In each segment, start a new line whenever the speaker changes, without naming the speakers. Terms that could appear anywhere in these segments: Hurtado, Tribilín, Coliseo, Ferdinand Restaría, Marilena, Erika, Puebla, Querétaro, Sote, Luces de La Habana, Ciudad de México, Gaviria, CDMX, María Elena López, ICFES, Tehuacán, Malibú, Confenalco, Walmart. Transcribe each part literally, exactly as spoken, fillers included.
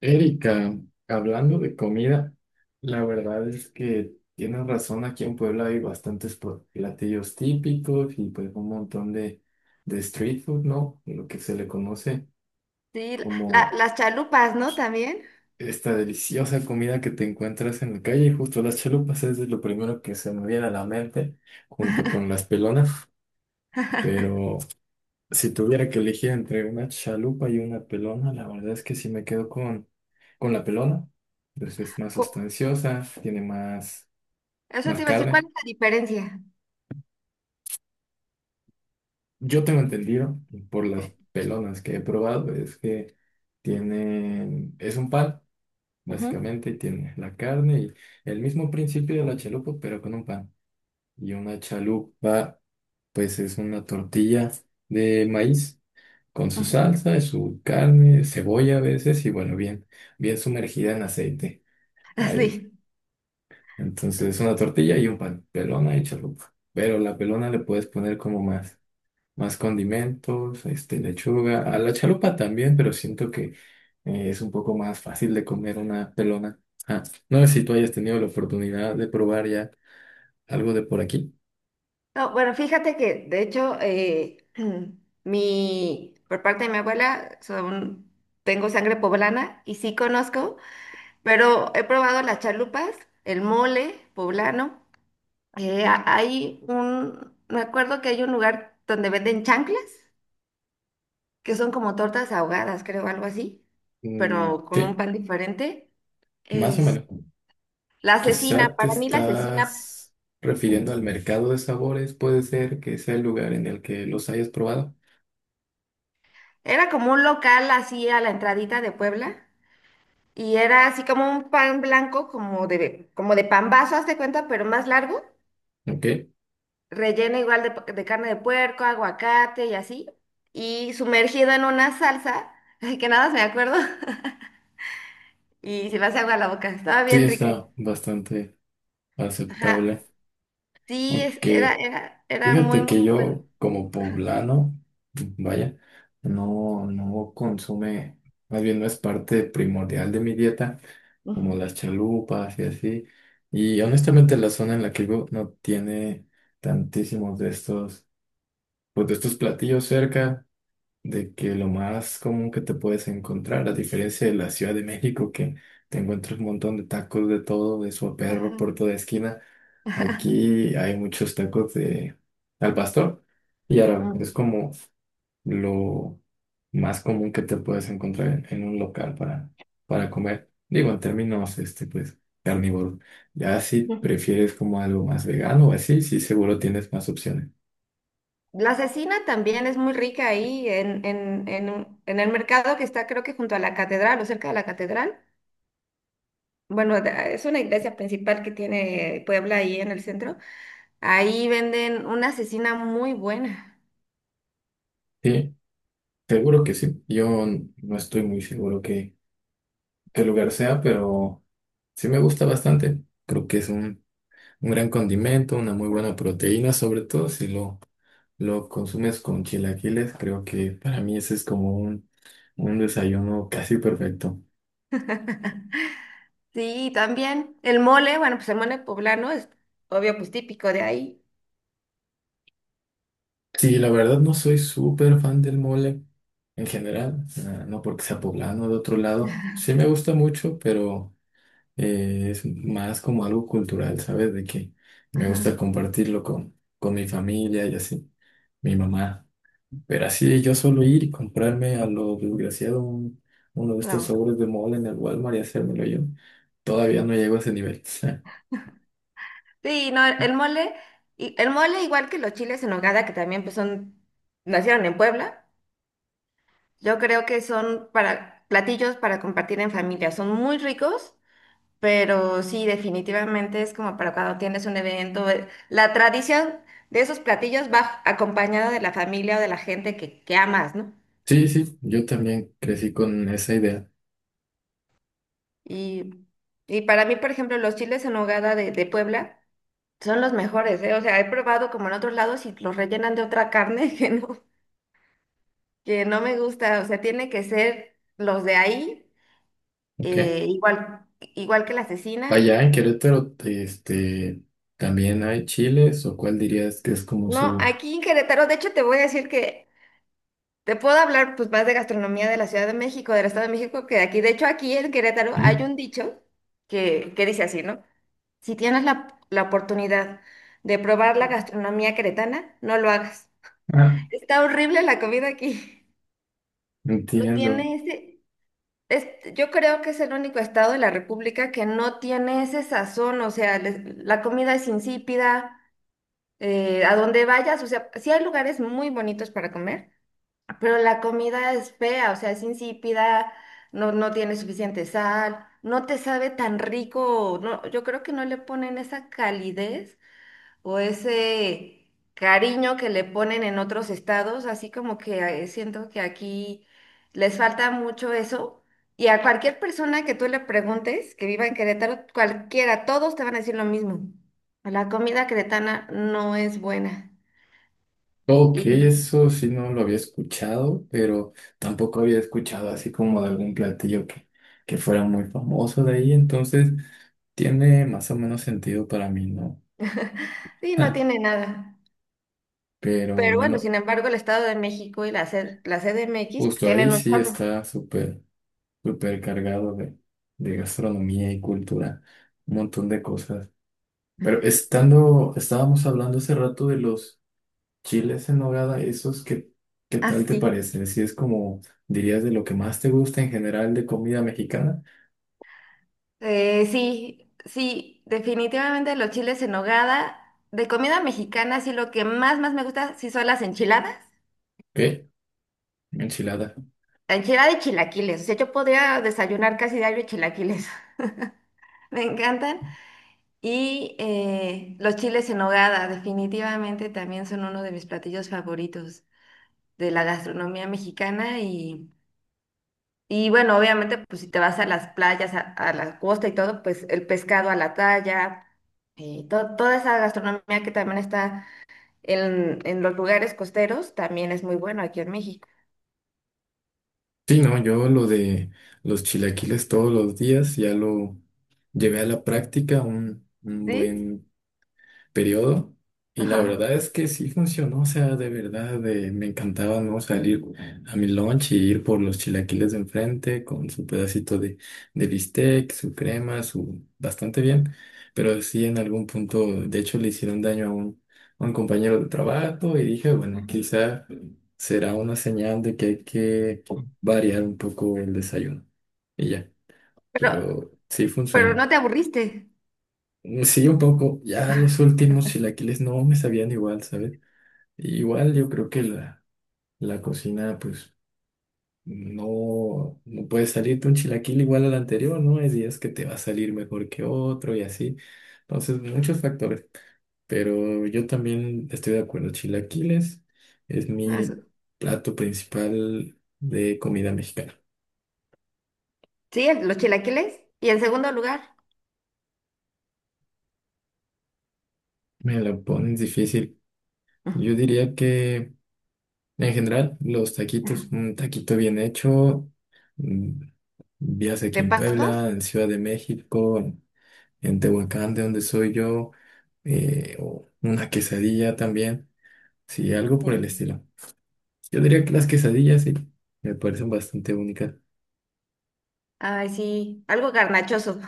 Erika, hablando de comida, la verdad es que tienes razón, aquí en Puebla hay bastantes pl- platillos típicos y pues un montón de, de street food, ¿no? Lo que se le conoce
Sí, la- la-
como
las chalupas, ¿no? También.
esta deliciosa comida que te encuentras en la calle, y justo las chalupas es de lo primero que se me viene a la mente, junto con las pelonas, pero... Si tuviera que elegir entre una chalupa y una pelona, la verdad es que sí me quedo con, con la pelona. Pues es más
Cu-
sustanciosa, tiene más,
Eso
más
te iba a decir, ¿cuál
carne.
es la diferencia?
Yo tengo entendido por las pelonas que he probado es que tienen, es un pan,
Ujú,
básicamente, y tiene la carne y el mismo principio de la chalupa, pero con un pan. Y una chalupa, pues es una tortilla de maíz con su
ujú.
salsa y su carne, cebolla a veces y bueno, bien, bien sumergida en aceite. Ahí.
Sí.
Entonces, una tortilla y un pan, pelona y chalupa. Pero la pelona le puedes poner como más, más condimentos, este, lechuga, a la chalupa también, pero siento que eh, es un poco más fácil de comer una pelona. Ah, no sé si tú hayas tenido la oportunidad de probar ya algo de por aquí.
No, bueno, fíjate que de hecho, eh, mi, por parte de mi abuela, son, tengo sangre poblana y sí conozco, pero he probado las chalupas, el mole poblano. Eh, a- hay un, me acuerdo que hay un lugar donde venden chanclas, que son como tortas ahogadas, creo, algo así,
Mm,
pero con un
sí,
pan diferente.
más o
Es,
menos.
la asesina,
Quizá te
para mí la asesina
estás refiriendo al mercado de sabores, puede ser que sea el lugar en el que los hayas probado.
era como un local así a la entradita de Puebla y era así como un pan blanco, como de, como de pambazo, haz de cuenta, pero más largo,
Ok,
relleno igual de, de carne de puerco, aguacate y así, y sumergido en una salsa, ay, que nada más me acuerdo, y se me hace agua la boca, estaba
sí,
bien rica.
está bastante
Ajá,
aceptable.
sí, es- era,
Aunque
era, era muy,
fíjate
muy
que
bueno.
yo, como poblano, vaya, no, no consume, más bien no es parte primordial de mi dieta, como
Ujú.
las chalupas y así. Y honestamente, la zona en la que vivo no tiene tantísimos de estos, pues de estos platillos cerca. De que lo más común que te puedes encontrar, a diferencia de la Ciudad de México, que te encuentras un montón de tacos de todo, de perro
Ajá.
por toda esquina, aquí hay muchos tacos de al pastor y árabe. Es como lo más común que te puedes encontrar en, en un local para, para comer. Digo, en términos, este, pues, carnívoros. Ya si
Ujú.
prefieres como algo más vegano o así, sí, seguro tienes más opciones.
La cecina también es muy rica ahí en, en, en, un- en el mercado que está, creo, que junto a la catedral o cerca de la catedral. Bueno, de- ah, es una iglesia principal que tiene Puebla ahí en el centro. Ahí venden una cecina muy buena.
Sí, seguro que sí. Yo n- no estoy muy seguro que el lugar sea, pero sí me gusta bastante. Creo que es un, un gran condimento, una muy buena proteína, sobre todo si lo, lo consumes con chilaquiles. Creo que para mí ese es como un, un desayuno casi perfecto.
Sí, también el mole, bueno, pues el mole poblano es obvio, pues típico de ahí.
Sí, la verdad no soy súper fan del mole en general, ah, no porque sea poblano o de otro lado. Sí me gusta mucho, pero eh, es más como algo cultural, ¿sabes? De que me gusta
Ajá,
compartirlo con, con mi familia y así, mi mamá. Pero así yo solo ir y comprarme a lo desgraciado un- uno de estos
no.
sobres de mole en el Walmart y hacérmelo yo, todavía no llego a ese nivel.
Sí, no, el mole, y el mole, igual que los chiles en nogada, que también pues son, nacieron en Puebla. Yo creo que son para platillos para compartir en familia. Son muy ricos, pero sí, definitivamente es como para cuando tienes un evento. eh, La tradición de esos platillos va acompañada de la familia o de la gente que, que amas, ¿no?
Sí, sí, yo también crecí con esa idea.
Y, y para mí, por ejemplo, los chiles en nogada de, de Puebla son los mejores, ¿eh? O sea, he probado como en otros lados y los rellenan de otra carne que no, que no me gusta. O sea, tiene que ser los de ahí,
Ok.
eh, igual, igual que la cecina.
Allá en Querétaro, este, también hay chiles, o cuál dirías que es como
No,
su...
aquí en Querétaro, de hecho, te voy a decir que te puedo hablar pues más de gastronomía de la Ciudad de México, del Estado de México, que de aquí. De hecho, aquí en Querétaro
Ujú.
hay un dicho que, que dice así, ¿no? Si tienes la, la oportunidad de probar la gastronomía queretana, no lo hagas.
Ah,
Está horrible la comida aquí. No
entiendo.
tiene ese... es- yo creo que es el único estado de la República que no tiene ese sazón, o sea, les- la comida es insípida, eh, a donde vayas, o sea, sí hay lugares muy bonitos para comer, pero la comida es fea, o sea, es insípida, no, no tiene suficiente sal, no te sabe tan rico, no, yo creo que no le ponen esa calidez o ese cariño que le ponen en otros estados, así como que eh, siento que aquí les falta mucho eso. Y a cualquier persona que tú le preguntes que viva en Querétaro, cualquiera, todos te van a decir lo mismo. La comida queretana no es buena
Ok,
y,
eso sí no lo había escuchado, pero tampoco había escuchado así como de algún platillo que, que fuera muy famoso de ahí, entonces... Tiene más o menos sentido para mí, ¿no?
y no
Ja,
tiene nada.
pero
Pero bueno,
bueno,
sin embargo, el Estado de México y la, C- la C D M X, pues,
justo ahí
tienen un
sí
chorro.
está súper, súper cargado de, de gastronomía y cultura, un montón de cosas. Pero estando, estábamos hablando hace rato de los chiles en nogada, esos que, ¿qué tal te
Así.
parece? Si es como, dirías, de lo que más te gusta en general de comida mexicana,
Eh, sí, sí, definitivamente los chiles en nogada. De comida mexicana, sí, lo que más, más me gusta, sí son las enchiladas.
¿qué? Enchiladas.
La enchilada y chilaquiles. O sea, yo podría desayunar casi diario chilaquiles. Me encantan. Y eh, los chiles en nogada, definitivamente también son uno de mis platillos favoritos de la gastronomía mexicana. y Y bueno, obviamente, pues si te vas a las playas, a, a la costa y todo, pues el pescado a la talla, eh, to- toda esa gastronomía que también está en, en los lugares costeros, también es muy bueno aquí en México.
Sí, no, yo lo de los chilaquiles todos los días ya lo llevé a la práctica un, un
¿Sí?
buen periodo y la
Ajá.
verdad es que sí funcionó, o sea, de verdad eh, me encantaba no salir a mi lunch y ir por los chilaquiles de enfrente con su pedacito de, de bistec, su crema, su bastante bien, pero sí en algún punto, de hecho le hicieron daño a un, a un compañero de trabajo y dije, bueno, quizá será una señal de que hay que variar un poco el desayuno y ya,
Pero,
pero sí fue un
pero
sueño.
no te aburriste.
Mm, sí, un poco. Ya los últimos chilaquiles no me sabían igual, ¿sabes? Igual yo creo que la, la cocina, pues, no, no puede salirte un chilaquil igual al anterior, ¿no? Hay días que te va a salir mejor que otro y así. Entonces, muchos factores. Pero yo también estoy de acuerdo. Chilaquiles es
Eso.
mi plato principal de comida mexicana.
Sí, el- los chilaquiles. Y en segundo lugar,
Me lo pones difícil. Yo diría que... En general, los
ajá.
taquitos, un taquito bien hecho, mm, ya sea aquí
¿De
en
pasto?
Puebla, en Ciudad de México, en Tehuacán, de donde soy yo, eh, o una quesadilla también, sí, algo por el
Sí.
estilo. Yo diría que las quesadillas sí, me parecen bastante únicas.
Ay, sí, algo garnachoso.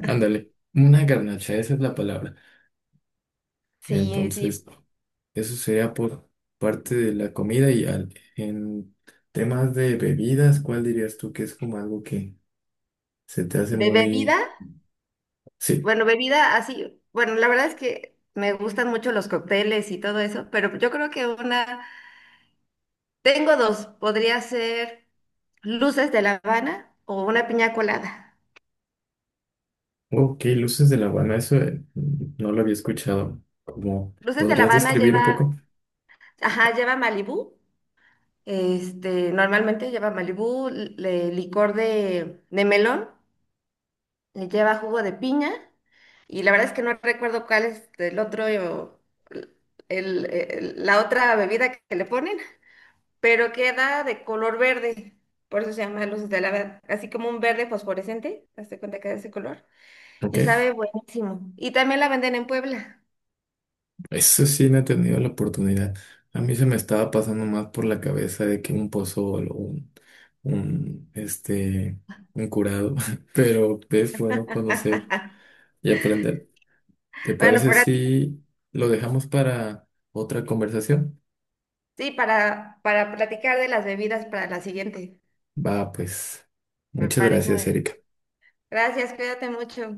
Ándale, una garnacha, esa es la palabra.
Sí, sí.
Entonces, eso sería por parte de la comida y al- en temas de bebidas, ¿cuál dirías tú que es como algo que se te hace
¿De bebida?
muy... Sí,
Bueno, bebida así, bueno, la verdad es que me gustan mucho los cócteles y todo eso, pero yo creo que una, tengo dos, podría ser Luces de La Habana o una piña colada.
ok, Luces de La Habana, eso eh, no lo había escuchado. ¿Cómo
Luces de La
podrías
Habana
describir un
lleva,
poco?
ajá, lleva Malibú, este, normalmente lleva Malibú, le- licor de, de melón, le lleva jugo de piña, y la verdad es que no recuerdo cuál es el otro, eh, o el, el- el- la otra bebida que le ponen, pero queda de color verde, por eso se llama Luces de Lavanda, así como un verde fosforescente, hazte cuenta que es de ese color,
Ok,
y sabe buenísimo. Y también la venden en Puebla.
eso sí no he tenido la oportunidad. A mí se me estaba pasando más por la cabeza de que un pozol o un, un, este, un curado, pero es bueno conocer y aprender. ¿Te
Bueno,
parece
para ti,
si lo dejamos para otra conversación?
sí, para, para platicar de las bebidas para la siguiente,
Va, pues,
me
muchas
parece muy
gracias,
bien.
Erika.
Gracias, cuídate mucho.